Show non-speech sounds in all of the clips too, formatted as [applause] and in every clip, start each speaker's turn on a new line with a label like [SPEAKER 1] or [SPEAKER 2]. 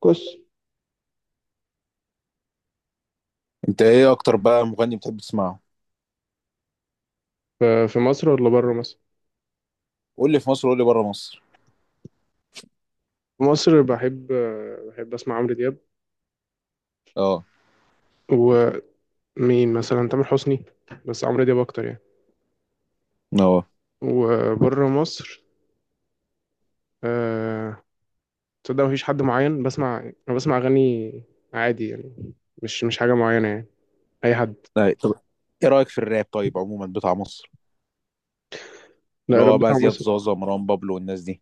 [SPEAKER 1] كوس
[SPEAKER 2] انت ايه اكتر بقى مغني بتحب تسمعه؟
[SPEAKER 1] ف- في مصر ولا بره مصر؟
[SPEAKER 2] قول لي في مصر، قول لي بره مصر.
[SPEAKER 1] في مصر بحب اسمع عمرو دياب.
[SPEAKER 2] اه.
[SPEAKER 1] ومين مثلا؟ تامر حسني، بس عمرو دياب اكتر يعني.
[SPEAKER 2] اه.
[SPEAKER 1] وبره مصر، آه، تصدق مفيش حد معين بسمع. انا بسمع اغاني عادي يعني، مش حاجه معينه يعني. اي حد.
[SPEAKER 2] طيب طب ايه رايك في الراب طيب عموما بتاع مصر؟ اللي
[SPEAKER 1] لا
[SPEAKER 2] هو
[SPEAKER 1] الراب
[SPEAKER 2] بقى
[SPEAKER 1] بتاع
[SPEAKER 2] زياد
[SPEAKER 1] مصر.
[SPEAKER 2] زازا، مروان بابلو والناس دي.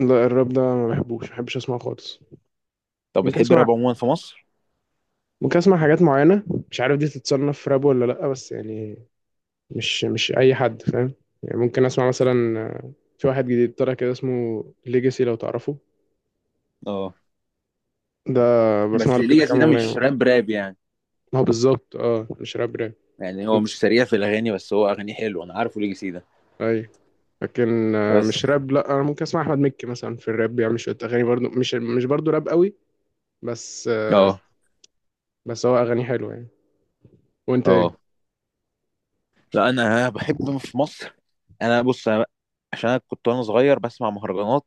[SPEAKER 1] لا الراب ده ما بحبش اسمعه خالص.
[SPEAKER 2] طب
[SPEAKER 1] ممكن
[SPEAKER 2] بتحب
[SPEAKER 1] اسمع
[SPEAKER 2] الراب عموما في مصر؟
[SPEAKER 1] ممكن اسمع حاجات معينه. مش عارف دي تتصنف راب ولا لا بس يعني. مش اي حد فاهم. يعني ممكن اسمع مثلا، في واحد جديد طلع كده اسمه ليجاسي لو تعرفه.
[SPEAKER 2] اه.
[SPEAKER 1] ده بسمع
[SPEAKER 2] بس
[SPEAKER 1] له كده
[SPEAKER 2] ليجاسي
[SPEAKER 1] كام
[SPEAKER 2] ده مش
[SPEAKER 1] اغنيه.
[SPEAKER 2] راب راب يعني.
[SPEAKER 1] ما هو بالظبط، اه، مش راب راب.
[SPEAKER 2] يعني هو
[SPEAKER 1] ممكن.
[SPEAKER 2] مش سريع في الاغاني، بس هو اغاني حلوه. انا عارفه ليجاسي ده.
[SPEAKER 1] اي. لكن مش
[SPEAKER 2] بس.
[SPEAKER 1] راب، لا انا ممكن اسمع احمد مكي مثلا، في الراب بيعمل شويه اغاني برضو، مش برضو راب قوي. بس آه،
[SPEAKER 2] اه.
[SPEAKER 1] بس هو اغاني حلوه يعني. وانت ايه؟
[SPEAKER 2] اه. لا انا بحب في مصر. انا بص، أنا عشان كنت وانا صغير بسمع مهرجانات.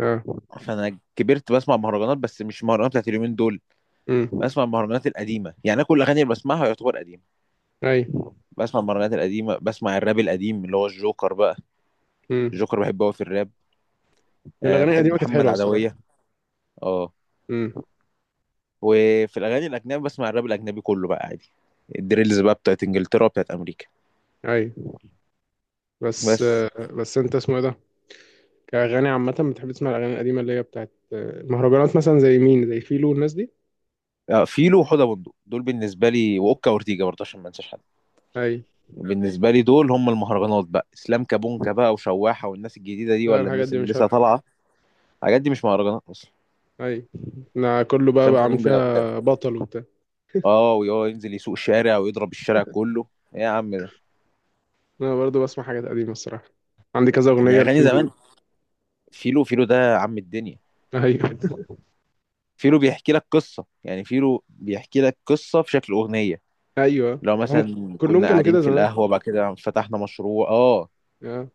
[SPEAKER 1] اه.
[SPEAKER 2] فانا كبرت بسمع مهرجانات، بس مش مهرجانات بتاعت اليومين دول.
[SPEAKER 1] امم.
[SPEAKER 2] بسمع المهرجانات القديمة. يعني انا كل الاغاني اللي بسمعها يعتبر قديمة.
[SPEAKER 1] اي.
[SPEAKER 2] بسمع المهرجانات القديمة، بسمع الراب القديم اللي هو الجوكر بقى.
[SPEAKER 1] امم.
[SPEAKER 2] الجوكر بحبه قوي في الراب. أه
[SPEAKER 1] الاغاني
[SPEAKER 2] بحب
[SPEAKER 1] القديمه كانت
[SPEAKER 2] محمد
[SPEAKER 1] حلوه الصراحه.
[SPEAKER 2] عدوية. اه.
[SPEAKER 1] امم.
[SPEAKER 2] وفي الاغاني الاجنبي بسمع الراب الاجنبي كله بقى عادي. الدريلز بقى، بتاعت انجلترا بتاعت امريكا.
[SPEAKER 1] اي. بس
[SPEAKER 2] بس
[SPEAKER 1] آه، بس انت اسمه ايه ده؟ كأغاني عامة بتحب تسمع الأغاني القديمة اللي هي بتاعت المهرجانات، مثلا زي مين؟ زي فيلو والناس دي.
[SPEAKER 2] فيلو وحوده بندق دول بالنسبة لي، واوكا اورتيجا برضه عشان ما انساش حد.
[SPEAKER 1] أي.
[SPEAKER 2] بالنسبة لي دول هم المهرجانات بقى. اسلام كابونجا بقى وشواحة والناس الجديدة دي،
[SPEAKER 1] لا
[SPEAKER 2] ولا
[SPEAKER 1] الحاجات
[SPEAKER 2] الناس
[SPEAKER 1] دي
[SPEAKER 2] اللي
[SPEAKER 1] مش عارف.
[SPEAKER 2] لسه طالعة. الحاجات دي مش مهرجانات اصلا.
[SPEAKER 1] أي. أنا كله بقى
[SPEAKER 2] اسلام
[SPEAKER 1] بقى عامل
[SPEAKER 2] كابونجا.
[SPEAKER 1] فيها بطل وبتاع.
[SPEAKER 2] اه ويقعد ينزل يسوق الشارع ويضرب الشارع كله. ايه يا عم ده.
[SPEAKER 1] أنا برضو بسمع حاجات قديمة الصراحة. عندي كذا
[SPEAKER 2] يعني
[SPEAKER 1] أغنية
[SPEAKER 2] اغاني
[SPEAKER 1] لفيلو
[SPEAKER 2] زمان.
[SPEAKER 1] ده.
[SPEAKER 2] فيلو ده عم الدنيا.
[SPEAKER 1] أيوه [laughs]
[SPEAKER 2] فيلو بيحكي لك قصه. يعني فيلو بيحكي لك قصه في شكل اغنيه.
[SPEAKER 1] أيوه
[SPEAKER 2] لو
[SPEAKER 1] هم.
[SPEAKER 2] مثلا
[SPEAKER 1] كلهم
[SPEAKER 2] كنا
[SPEAKER 1] كانوا
[SPEAKER 2] قاعدين
[SPEAKER 1] كده
[SPEAKER 2] في
[SPEAKER 1] زمان.
[SPEAKER 2] القهوه، بعد كده فتحنا مشروع اه،
[SPEAKER 1] آه.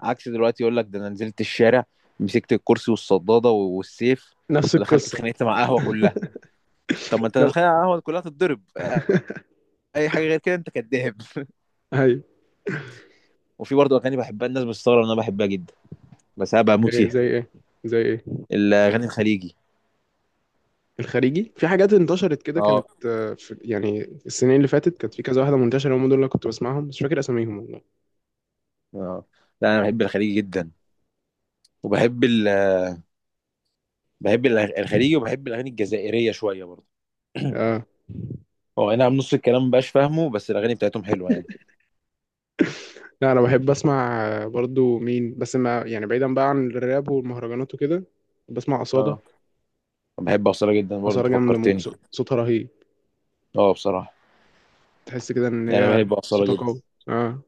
[SPEAKER 2] عكس دلوقتي يقول لك ده: انا نزلت الشارع، مسكت الكرسي والصداده والسيف،
[SPEAKER 1] نفس
[SPEAKER 2] ودخلت
[SPEAKER 1] القصة.
[SPEAKER 2] اتخانقت مع قهوه كلها. طب ما انت
[SPEAKER 1] لا.
[SPEAKER 2] دخلت على القهوه كلها تتضرب اي حاجه غير كده انت كداب. [laughs]
[SPEAKER 1] أيوه.
[SPEAKER 2] وفي برضه اغاني بحبها الناس بتستغرب ان انا بحبها جدا، بس انا بموت
[SPEAKER 1] إيه،
[SPEAKER 2] فيها.
[SPEAKER 1] زي إيه؟ زي إيه؟
[SPEAKER 2] الاغاني الخليجي.
[SPEAKER 1] الخارجي في حاجات انتشرت كده،
[SPEAKER 2] اه.
[SPEAKER 1] كانت في يعني السنين اللي فاتت كانت في كذا واحدة منتشرة، هم دول اللي كنت بسمعهم بس مش فاكر أساميهم والله.
[SPEAKER 2] اه. لا انا بحب الخليجي جدا. وبحب ال... بحب الخليجي، وبحب الاغاني الجزائريه شويه برضه.
[SPEAKER 1] آه.
[SPEAKER 2] هو اي نعم نص الكلام مبقاش فاهمه، بس الاغاني بتاعتهم حلوه يعني.
[SPEAKER 1] لا انا بحب اسمع، برضو مين بس ما يعني، بعيدا بقى عن الراب والمهرجانات وكده، بسمع أصالة.
[SPEAKER 2] اه بحب اصاله جدا برضه،
[SPEAKER 1] أصالة
[SPEAKER 2] انت
[SPEAKER 1] جامدة موت،
[SPEAKER 2] فكرتني.
[SPEAKER 1] صوتها رهيب.
[SPEAKER 2] اه بصراحه.
[SPEAKER 1] تحس كده ان
[SPEAKER 2] يعني انا
[SPEAKER 1] هي
[SPEAKER 2] بحب اصاله
[SPEAKER 1] صوتها
[SPEAKER 2] جدا.
[SPEAKER 1] قوي. اه.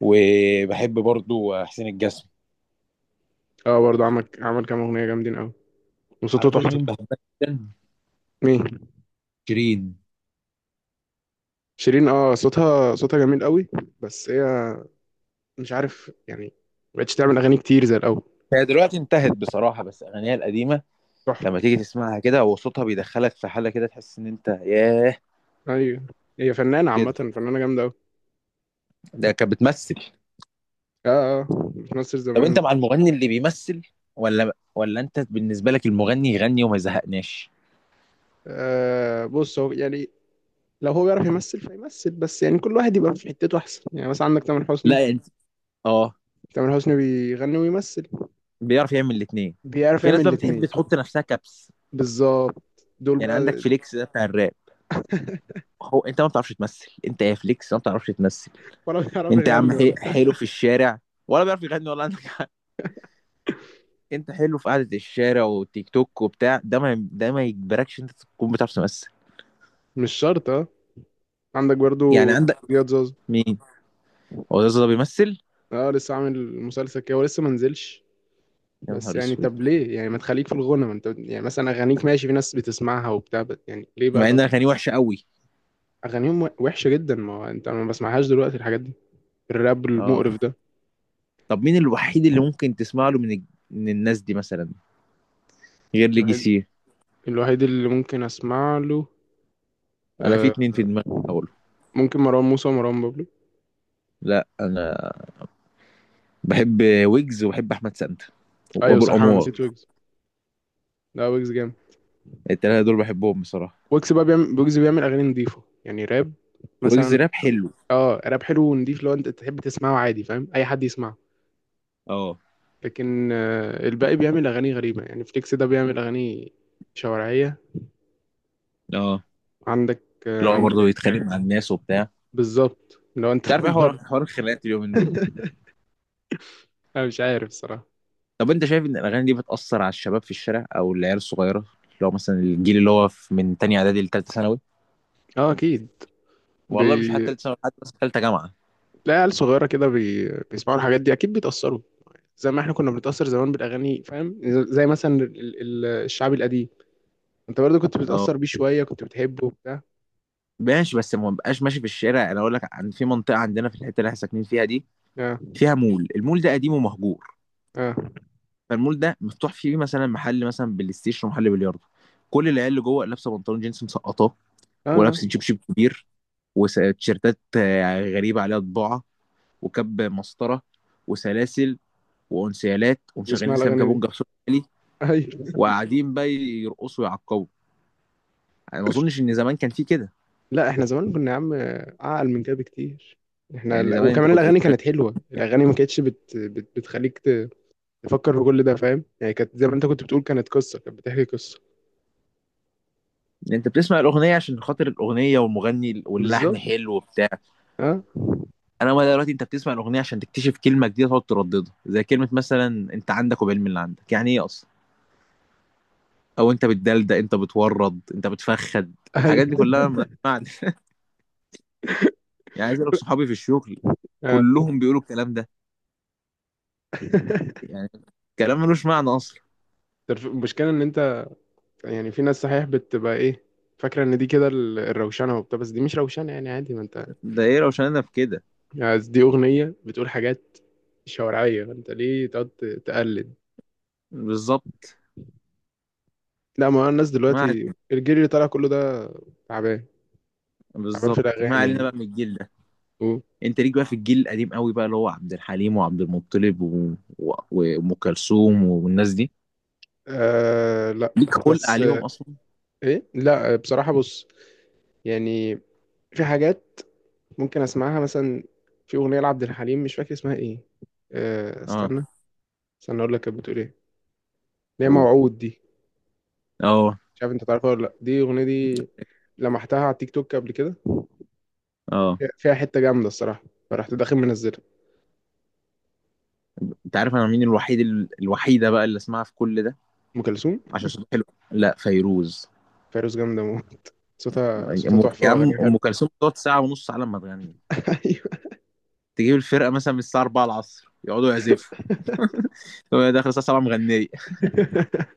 [SPEAKER 2] وبحب برضه حسين الجسمي.
[SPEAKER 1] اه برضو عمل كام اغنية جامدين قوي، وصوته
[SPEAKER 2] عارف برضه
[SPEAKER 1] تحفة.
[SPEAKER 2] مين بحبها جدا؟
[SPEAKER 1] مين؟
[SPEAKER 2] شيرين.
[SPEAKER 1] شيرين. اه صوتها جميل قوي. بس هي مش عارف يعني، ما بقتش تعمل اغاني كتير زي الاول.
[SPEAKER 2] هي دلوقتي انتهت بصراحه، بس اغانيها القديمه
[SPEAKER 1] تحفة.
[SPEAKER 2] لما تيجي تسمعها كده، هو صوتها بيدخلك في حاله كده، تحس ان انت ياه
[SPEAKER 1] ايوه هي فنانة عامة،
[SPEAKER 2] كده.
[SPEAKER 1] فنانة جامدة قوي.
[SPEAKER 2] ده كانت بتمثل.
[SPEAKER 1] اه. اه بتمثل
[SPEAKER 2] طب انت
[SPEAKER 1] زمان.
[SPEAKER 2] مع المغني اللي بيمثل ولا انت بالنسبه لك المغني يغني وما يزهقناش؟
[SPEAKER 1] آه بص، هو يعني لو هو بيعرف يمثل فيمثل، بس يعني كل واحد يبقى في حتته احسن. يعني مثلا عندك تامر حسني،
[SPEAKER 2] لا انت، اه،
[SPEAKER 1] تامر حسني بيغني ويمثل.
[SPEAKER 2] بيعرف يعمل الاثنين.
[SPEAKER 1] بيعرف
[SPEAKER 2] في
[SPEAKER 1] يعمل
[SPEAKER 2] ناس بقى بتحب
[SPEAKER 1] الاتنين.
[SPEAKER 2] تحط نفسها كبس،
[SPEAKER 1] بالظبط دول
[SPEAKER 2] يعني عندك
[SPEAKER 1] بقى.
[SPEAKER 2] فليكس ده بتاع الراب. هو انت ما بتعرفش تمثل. انت يا فليكس ما بتعرفش تمثل.
[SPEAKER 1] ولا بيعرف
[SPEAKER 2] انت يا عم
[SPEAKER 1] يغني ولا.
[SPEAKER 2] حلو في الشارع، ولا بيعرف يغني ولا. عندك حق. انت حلو في قعده الشارع والتيك توك وبتاع، ده ما ده ما يجبركش انت تكون بتعرف تمثل.
[SPEAKER 1] [laughs] مش شرط اه. عندك
[SPEAKER 2] يعني
[SPEAKER 1] برضو
[SPEAKER 2] عندك
[SPEAKER 1] زياد زوزو.
[SPEAKER 2] مين؟ هو ده بيمثل؟
[SPEAKER 1] اه لسه عامل مسلسل كده ولسه ما نزلش.
[SPEAKER 2] يا
[SPEAKER 1] بس
[SPEAKER 2] نهار
[SPEAKER 1] يعني
[SPEAKER 2] اسود،
[SPEAKER 1] طب ليه يعني ما تخليك في الغنى؟ ما انت يعني مثلا اغانيك ماشي، في ناس بتسمعها وبتاع، بس يعني ليه بقى
[SPEAKER 2] مع ان اغانيه وحشه قوي.
[SPEAKER 1] اغانيهم وحشه جدا، ما هو انت ما بسمعهاش دلوقتي الحاجات دي، الراب
[SPEAKER 2] اه.
[SPEAKER 1] المقرف ده.
[SPEAKER 2] طب مين الوحيد اللي ممكن تسمع له من من الناس دي مثلا غير
[SPEAKER 1] الوحيد،
[SPEAKER 2] ليجيسي؟
[SPEAKER 1] الوحيد اللي ممكن اسمع له،
[SPEAKER 2] انا في
[SPEAKER 1] آه،
[SPEAKER 2] اتنين في دماغي اقوله.
[SPEAKER 1] ممكن مروان موسى ومروان بابلو.
[SPEAKER 2] لا انا بحب ويجز، وبحب احمد سانتا
[SPEAKER 1] ايوه
[SPEAKER 2] وابو
[SPEAKER 1] صح انا نسيت
[SPEAKER 2] الانوار.
[SPEAKER 1] ويجز. لا ويجز جامد.
[SPEAKER 2] التلاته دول بحبهم بصراحه.
[SPEAKER 1] ويجز بيعمل اغاني نضيفه يعني راب،
[SPEAKER 2] ويجز
[SPEAKER 1] مثلا.
[SPEAKER 2] راب حلو.
[SPEAKER 1] اه راب حلو ونضيف، لو انت تحب تسمعه عادي فاهم، اي حد يسمعه.
[SPEAKER 2] اه.
[SPEAKER 1] لكن الباقي بيعمل اغاني غريبه، يعني فليكس ده بيعمل اغاني شوارعيه.
[SPEAKER 2] اه.
[SPEAKER 1] عندك
[SPEAKER 2] اللي هو
[SPEAKER 1] مين
[SPEAKER 2] برضه
[SPEAKER 1] تاني؟
[SPEAKER 2] يتخانق مع الناس وبتاع.
[SPEAKER 1] بالظبط لو انت
[SPEAKER 2] مش عارف ايه،
[SPEAKER 1] [laughs]
[SPEAKER 2] حوار
[SPEAKER 1] برضه
[SPEAKER 2] حوار الخناقات اليومين دول.
[SPEAKER 1] انا مش عارف الصراحه.
[SPEAKER 2] طب انت شايف ان الاغاني دي بتاثر على الشباب في الشارع او العيال الصغيره، اللي هو مثلا الجيل اللي هو من تانية اعدادي لتالتة ثانوي؟
[SPEAKER 1] اه اكيد.
[SPEAKER 2] والله مش حتى
[SPEAKER 1] بي...
[SPEAKER 2] تالتة ثانوي، حتى مثلا تالتة جامعه.
[SPEAKER 1] تلاقي عيال صغيره كده بيسمعوا الحاجات دي، اكيد بيتاثروا زي ما احنا كنا بنتاثر زمان بالاغاني فاهم. زي مثلا الشعب القديم. انت برضه كنت
[SPEAKER 2] اه
[SPEAKER 1] بتأثر بيه شوية، كنت بتحبه وبتاع.
[SPEAKER 2] ماشي بس ما بقاش ماشي في الشارع. انا اقول لك عن في منطقه عندنا في الحته اللي احنا ساكنين فيها دي،
[SPEAKER 1] اه
[SPEAKER 2] فيها مول، المول ده قديم ومهجور.
[SPEAKER 1] اه
[SPEAKER 2] فالمول ده مفتوح فيه مثلا محل، مثلا بلاي ستيشن ومحل بلياردو. كل العيال اللي جوه لابسه بنطلون جينز مسقطاه،
[SPEAKER 1] اه.
[SPEAKER 2] ولابسه جيب
[SPEAKER 1] آه.
[SPEAKER 2] شيب كبير، وتيشيرتات غريبه عليها طباعه، وكاب مسطره، وسلاسل، وانسيالات، ومشغلين
[SPEAKER 1] واسمع
[SPEAKER 2] اسلام
[SPEAKER 1] الأغاني دي.
[SPEAKER 2] كابونجا بصوت عالي.
[SPEAKER 1] [laughs] ايوه.
[SPEAKER 2] وقاعدين بقى يرقصوا ويعقبوا. انا ما اظنش ان زمان كان في كده.
[SPEAKER 1] لا احنا زمان كنا يا عم اعقل من كده بكتير.
[SPEAKER 2] يعني
[SPEAKER 1] احنا
[SPEAKER 2] زمان انت
[SPEAKER 1] وكمان
[SPEAKER 2] كنت،
[SPEAKER 1] الأغاني كانت حلوة، الأغاني ما كانتش بتخليك تفكر في كل ده فاهم؟ يعني كانت زي ما انت كنت بتقول، كانت قصة، كانت بتحكي قصة.
[SPEAKER 2] انت بتسمع الاغنيه عشان خاطر الاغنيه والمغني واللحن
[SPEAKER 1] بالظبط.
[SPEAKER 2] حلو وبتاع.
[SPEAKER 1] اه.
[SPEAKER 2] انا ما دلوقتي انت بتسمع الاغنيه عشان تكتشف كلمه جديده تقعد ترددها، زي كلمه مثلا، انت عندك، وبالعلم، اللي عندك يعني ايه اصلا؟ او انت بتدلدق، انت بتورد، انت بتفخد.
[SPEAKER 1] ايوه.
[SPEAKER 2] الحاجات دي كلها ملهاش معنى. [laughs] يعني عايز اقول لك صحابي في الشغل
[SPEAKER 1] اه.
[SPEAKER 2] كلهم بيقولوا الكلام ده.
[SPEAKER 1] [laughs]
[SPEAKER 2] يعني كلام ملوش معنى اصلا.
[SPEAKER 1] المشكلة ان انت يعني، في ناس صحيح بتبقى ايه؟ فاكرة ان دي كده الروشنة وبتاع، بس دي مش روشنة يعني عادي ما انت،
[SPEAKER 2] ده ايه روشاننا في كده.
[SPEAKER 1] يعني دي أغنية بتقول حاجات شوارعية، انت ليه تقعد تقلد؟
[SPEAKER 2] بالظبط.
[SPEAKER 1] لا ما هو الناس
[SPEAKER 2] ما
[SPEAKER 1] دلوقتي
[SPEAKER 2] علينا.
[SPEAKER 1] الجيل اللي طالع كله ده تعبان، تعبان في
[SPEAKER 2] بالظبط ما
[SPEAKER 1] الأغاني
[SPEAKER 2] علينا
[SPEAKER 1] يعني،
[SPEAKER 2] بقى من الجيل ده.
[SPEAKER 1] و...
[SPEAKER 2] انت ليك بقى في الجيل القديم قوي بقى، اللي هو عبد الحليم وعبد المطلب وام كلثوم والناس دي.
[SPEAKER 1] آه لا.
[SPEAKER 2] ليك خلق
[SPEAKER 1] بس
[SPEAKER 2] عليهم
[SPEAKER 1] آه،
[SPEAKER 2] اصلا.
[SPEAKER 1] ايه لا بصراحة، بص يعني في حاجات ممكن اسمعها مثلا، في أغنية لعبد الحليم مش فاكر اسمها ايه،
[SPEAKER 2] اه.
[SPEAKER 1] استنى، استنى اقول لك كانت بتقول ايه، اللي هي
[SPEAKER 2] لو.
[SPEAKER 1] موعود دي.
[SPEAKER 2] اه.
[SPEAKER 1] مش عارف انت تعرفها ولا لا دي الأغنية دي؟ لمحتها على التيك توك قبل كده.
[SPEAKER 2] اه.
[SPEAKER 1] فيها حتة جامدة الصراحة. فرحت داخل منزلها.
[SPEAKER 2] انت عارف انا مين الوحيد الوحيده بقى اللي اسمعها في كل ده؟
[SPEAKER 1] أم كلثوم؟
[SPEAKER 2] عشان صوتها حلو. لا، فيروز.
[SPEAKER 1] فيروز جامدة موت، صوتها تحفة
[SPEAKER 2] يا
[SPEAKER 1] والله،
[SPEAKER 2] عم،
[SPEAKER 1] وأغانيها
[SPEAKER 2] ام
[SPEAKER 1] حلوة.
[SPEAKER 2] كلثوم بتقعد ساعه ونص على ما تغني.
[SPEAKER 1] [laughs] أيوة.
[SPEAKER 2] تجيب الفرقه مثلا من الساعه 4 العصر يقعدوا يعزفوا، هو داخل الساعه 7 مغنيه.
[SPEAKER 1] [laughs]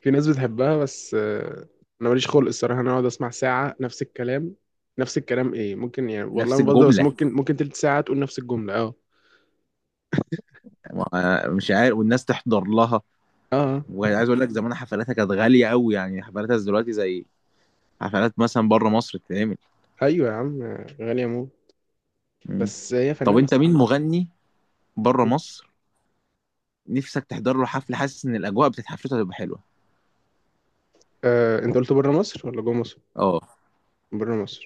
[SPEAKER 1] في ناس بتحبها بس، أنا ماليش خلق الصراحة، أنا أقعد أسمع ساعة نفس الكلام، نفس الكلام إيه؟ ممكن يعني والله
[SPEAKER 2] نفس
[SPEAKER 1] ما بهزر، بس
[SPEAKER 2] الجمله.
[SPEAKER 1] ممكن تلت ساعة تقول نفس الجملة، أه.
[SPEAKER 2] مش عارف، والناس تحضر لها.
[SPEAKER 1] أه.
[SPEAKER 2] وعايز اقول لك زمان حفلاتها كانت غاليه قوي. يعني حفلاتها دلوقتي زي حفلات مثلا بره مصر بتتعمل.
[SPEAKER 1] أيوة يا عم، غالية موت.
[SPEAKER 2] مم.
[SPEAKER 1] بس هي
[SPEAKER 2] طب
[SPEAKER 1] فنانة
[SPEAKER 2] انت مين
[SPEAKER 1] الصراحة.
[SPEAKER 2] مغني بره مصر نفسك تحضر له حفله، حاسس ان الاجواء بتاعت حفلته هتبقى حلوه؟
[SPEAKER 1] أنت قلت بره مصر ولا جوه مصر؟
[SPEAKER 2] اه
[SPEAKER 1] بره مصر.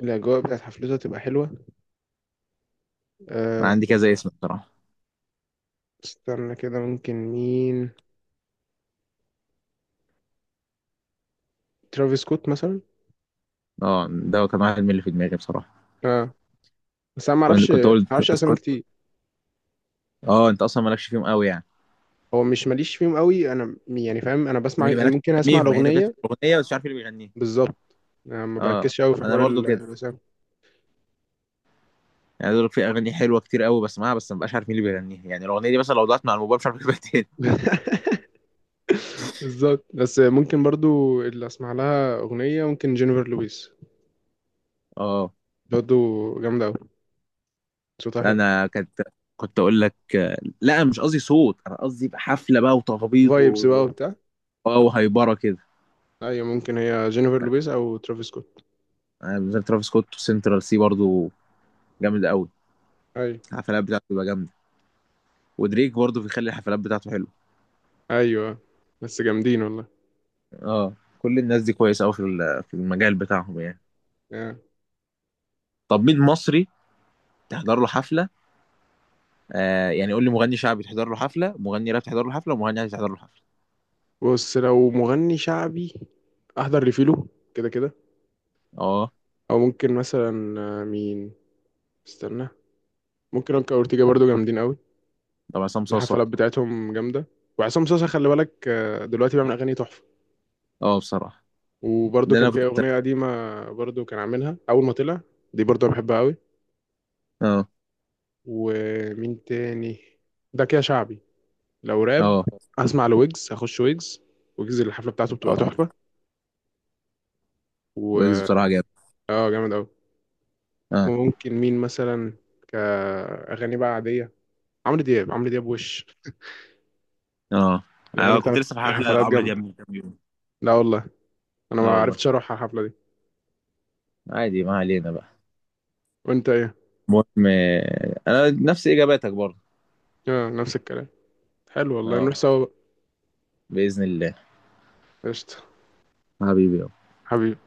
[SPEAKER 1] الأجواء بتاعت حفلته هتبقى حلوة.
[SPEAKER 2] انا
[SPEAKER 1] آه،
[SPEAKER 2] عندي كذا اسم بصراحه.
[SPEAKER 1] استنى كده، ممكن مين؟ ترافيس سكوت مثلا.
[SPEAKER 2] اه ده كان واحد من اللي في دماغي بصراحه.
[SPEAKER 1] أه بس أنا
[SPEAKER 2] كنت
[SPEAKER 1] معرفش،
[SPEAKER 2] كنت اقول
[SPEAKER 1] معرفش
[SPEAKER 2] ترافيس
[SPEAKER 1] أسامي
[SPEAKER 2] سكوت.
[SPEAKER 1] كتير.
[SPEAKER 2] اه انت اصلا مالكش فيهم قوي يعني.
[SPEAKER 1] هو مش ماليش فيهم قوي، انا يعني فاهم، انا بسمع، أنا
[SPEAKER 2] مالكش
[SPEAKER 1] ممكن اسمع
[SPEAKER 2] فيهم يعني، انت بتسمع
[SPEAKER 1] الاغنيه.
[SPEAKER 2] الاغنيه بس مش عارف مين اللي بيغنيها.
[SPEAKER 1] بالظبط. أنا ما
[SPEAKER 2] اه
[SPEAKER 1] بركزش قوي في
[SPEAKER 2] انا
[SPEAKER 1] حوار
[SPEAKER 2] برضو كده.
[SPEAKER 1] الرسام.
[SPEAKER 2] يعني دول في اغاني حلوه كتير قوي بسمعها، بس ما بقاش عارف مين اللي بيغنيها. يعني الاغنيه دي مثلا لو ضاعت مع الموبايل مش عارف اجيبها تاني.
[SPEAKER 1] [laughs] بالظبط، بس ممكن برضو اللي اسمع لها اغنيه، ممكن جينيفر لويس
[SPEAKER 2] اه.
[SPEAKER 1] برضو جامده قوي، صوتها حلو.
[SPEAKER 2] انا كنت اقول لك، لا مش قصدي صوت، انا قصدي يبقى حفله بقى، وتخبيط
[SPEAKER 1] فايبس بقى
[SPEAKER 2] و...
[SPEAKER 1] وبتاع.
[SPEAKER 2] اه وهيبره كده.
[SPEAKER 1] ايوه ممكن هي جينيفر لويس او ترافيس سكوت.
[SPEAKER 2] انا بالنسبه لي ترافيس سكوت وسنترال سي برضو جامد قوي.
[SPEAKER 1] ايوه.
[SPEAKER 2] الحفلات بتاعته بتبقى جامده. ودريك برضو بيخلي الحفلات بتاعته حلوه.
[SPEAKER 1] ايوه بس جامدين والله.
[SPEAKER 2] اه. كل الناس دي كويسه قوي في في المجال بتاعهم يعني.
[SPEAKER 1] آه.
[SPEAKER 2] طب مين مصري تحضر له حفله؟ آه يعني قول لي مغني شعبي تحضر له حفله، مغني راب تحضر له حفله، ومغني عادي تحضر له حفله.
[SPEAKER 1] بص لو مغني شعبي، احضر لفيلو كده كده.
[SPEAKER 2] اه.
[SPEAKER 1] او ممكن مثلا، مين؟ استنى. ممكن اوكا اورتيجا برضو جامدين قوي،
[SPEAKER 2] طب عصام صاصه.
[SPEAKER 1] الحفلات بتاعتهم جامدة. وعصام صاصا، خلي بالك، دلوقتي بيعمل أغاني تحفة.
[SPEAKER 2] اه بصراحه.
[SPEAKER 1] وبرضه
[SPEAKER 2] ده
[SPEAKER 1] كان
[SPEAKER 2] انا
[SPEAKER 1] في
[SPEAKER 2] كنت.
[SPEAKER 1] أغنية قديمة، برضه كان عاملها أول ما طلع، دي برضه أنا بحبها أوي.
[SPEAKER 2] اه.
[SPEAKER 1] ومين تاني؟ ده كده شعبي. لو راب،
[SPEAKER 2] اه.
[SPEAKER 1] هسمع لويجز، هخش ويجز. ويجز الحفلة بتاعته بتبقى
[SPEAKER 2] اه
[SPEAKER 1] تحفة.
[SPEAKER 2] ويجز
[SPEAKER 1] و
[SPEAKER 2] بصراحه جامد.
[SPEAKER 1] اه جامد أوي.
[SPEAKER 2] اه.
[SPEAKER 1] وممكن مين مثلا كأغاني بقى عادية؟ عمرو دياب، عمرو دياب، وش
[SPEAKER 2] اه
[SPEAKER 1] الأغاني
[SPEAKER 2] انا كنت
[SPEAKER 1] بتاعت
[SPEAKER 2] لسه في فاهم حفله فاهم؟
[SPEAKER 1] الحفلات
[SPEAKER 2] لعمرو
[SPEAKER 1] جامدة.
[SPEAKER 2] دياب من كام يوم.
[SPEAKER 1] لا والله أنا ما
[SPEAKER 2] اه والله.
[SPEAKER 1] عرفتش أروح على الحفلة دي.
[SPEAKER 2] عادي ما علينا بقى.
[SPEAKER 1] وأنت إيه؟
[SPEAKER 2] المهم انا نفس اجاباتك برضه.
[SPEAKER 1] اه نفس الكلام. حلو والله نروح
[SPEAKER 2] اه
[SPEAKER 1] سوا بقى.
[SPEAKER 2] باذن الله.
[SPEAKER 1] قشطة.
[SPEAKER 2] حبيبي.
[SPEAKER 1] حبيبي.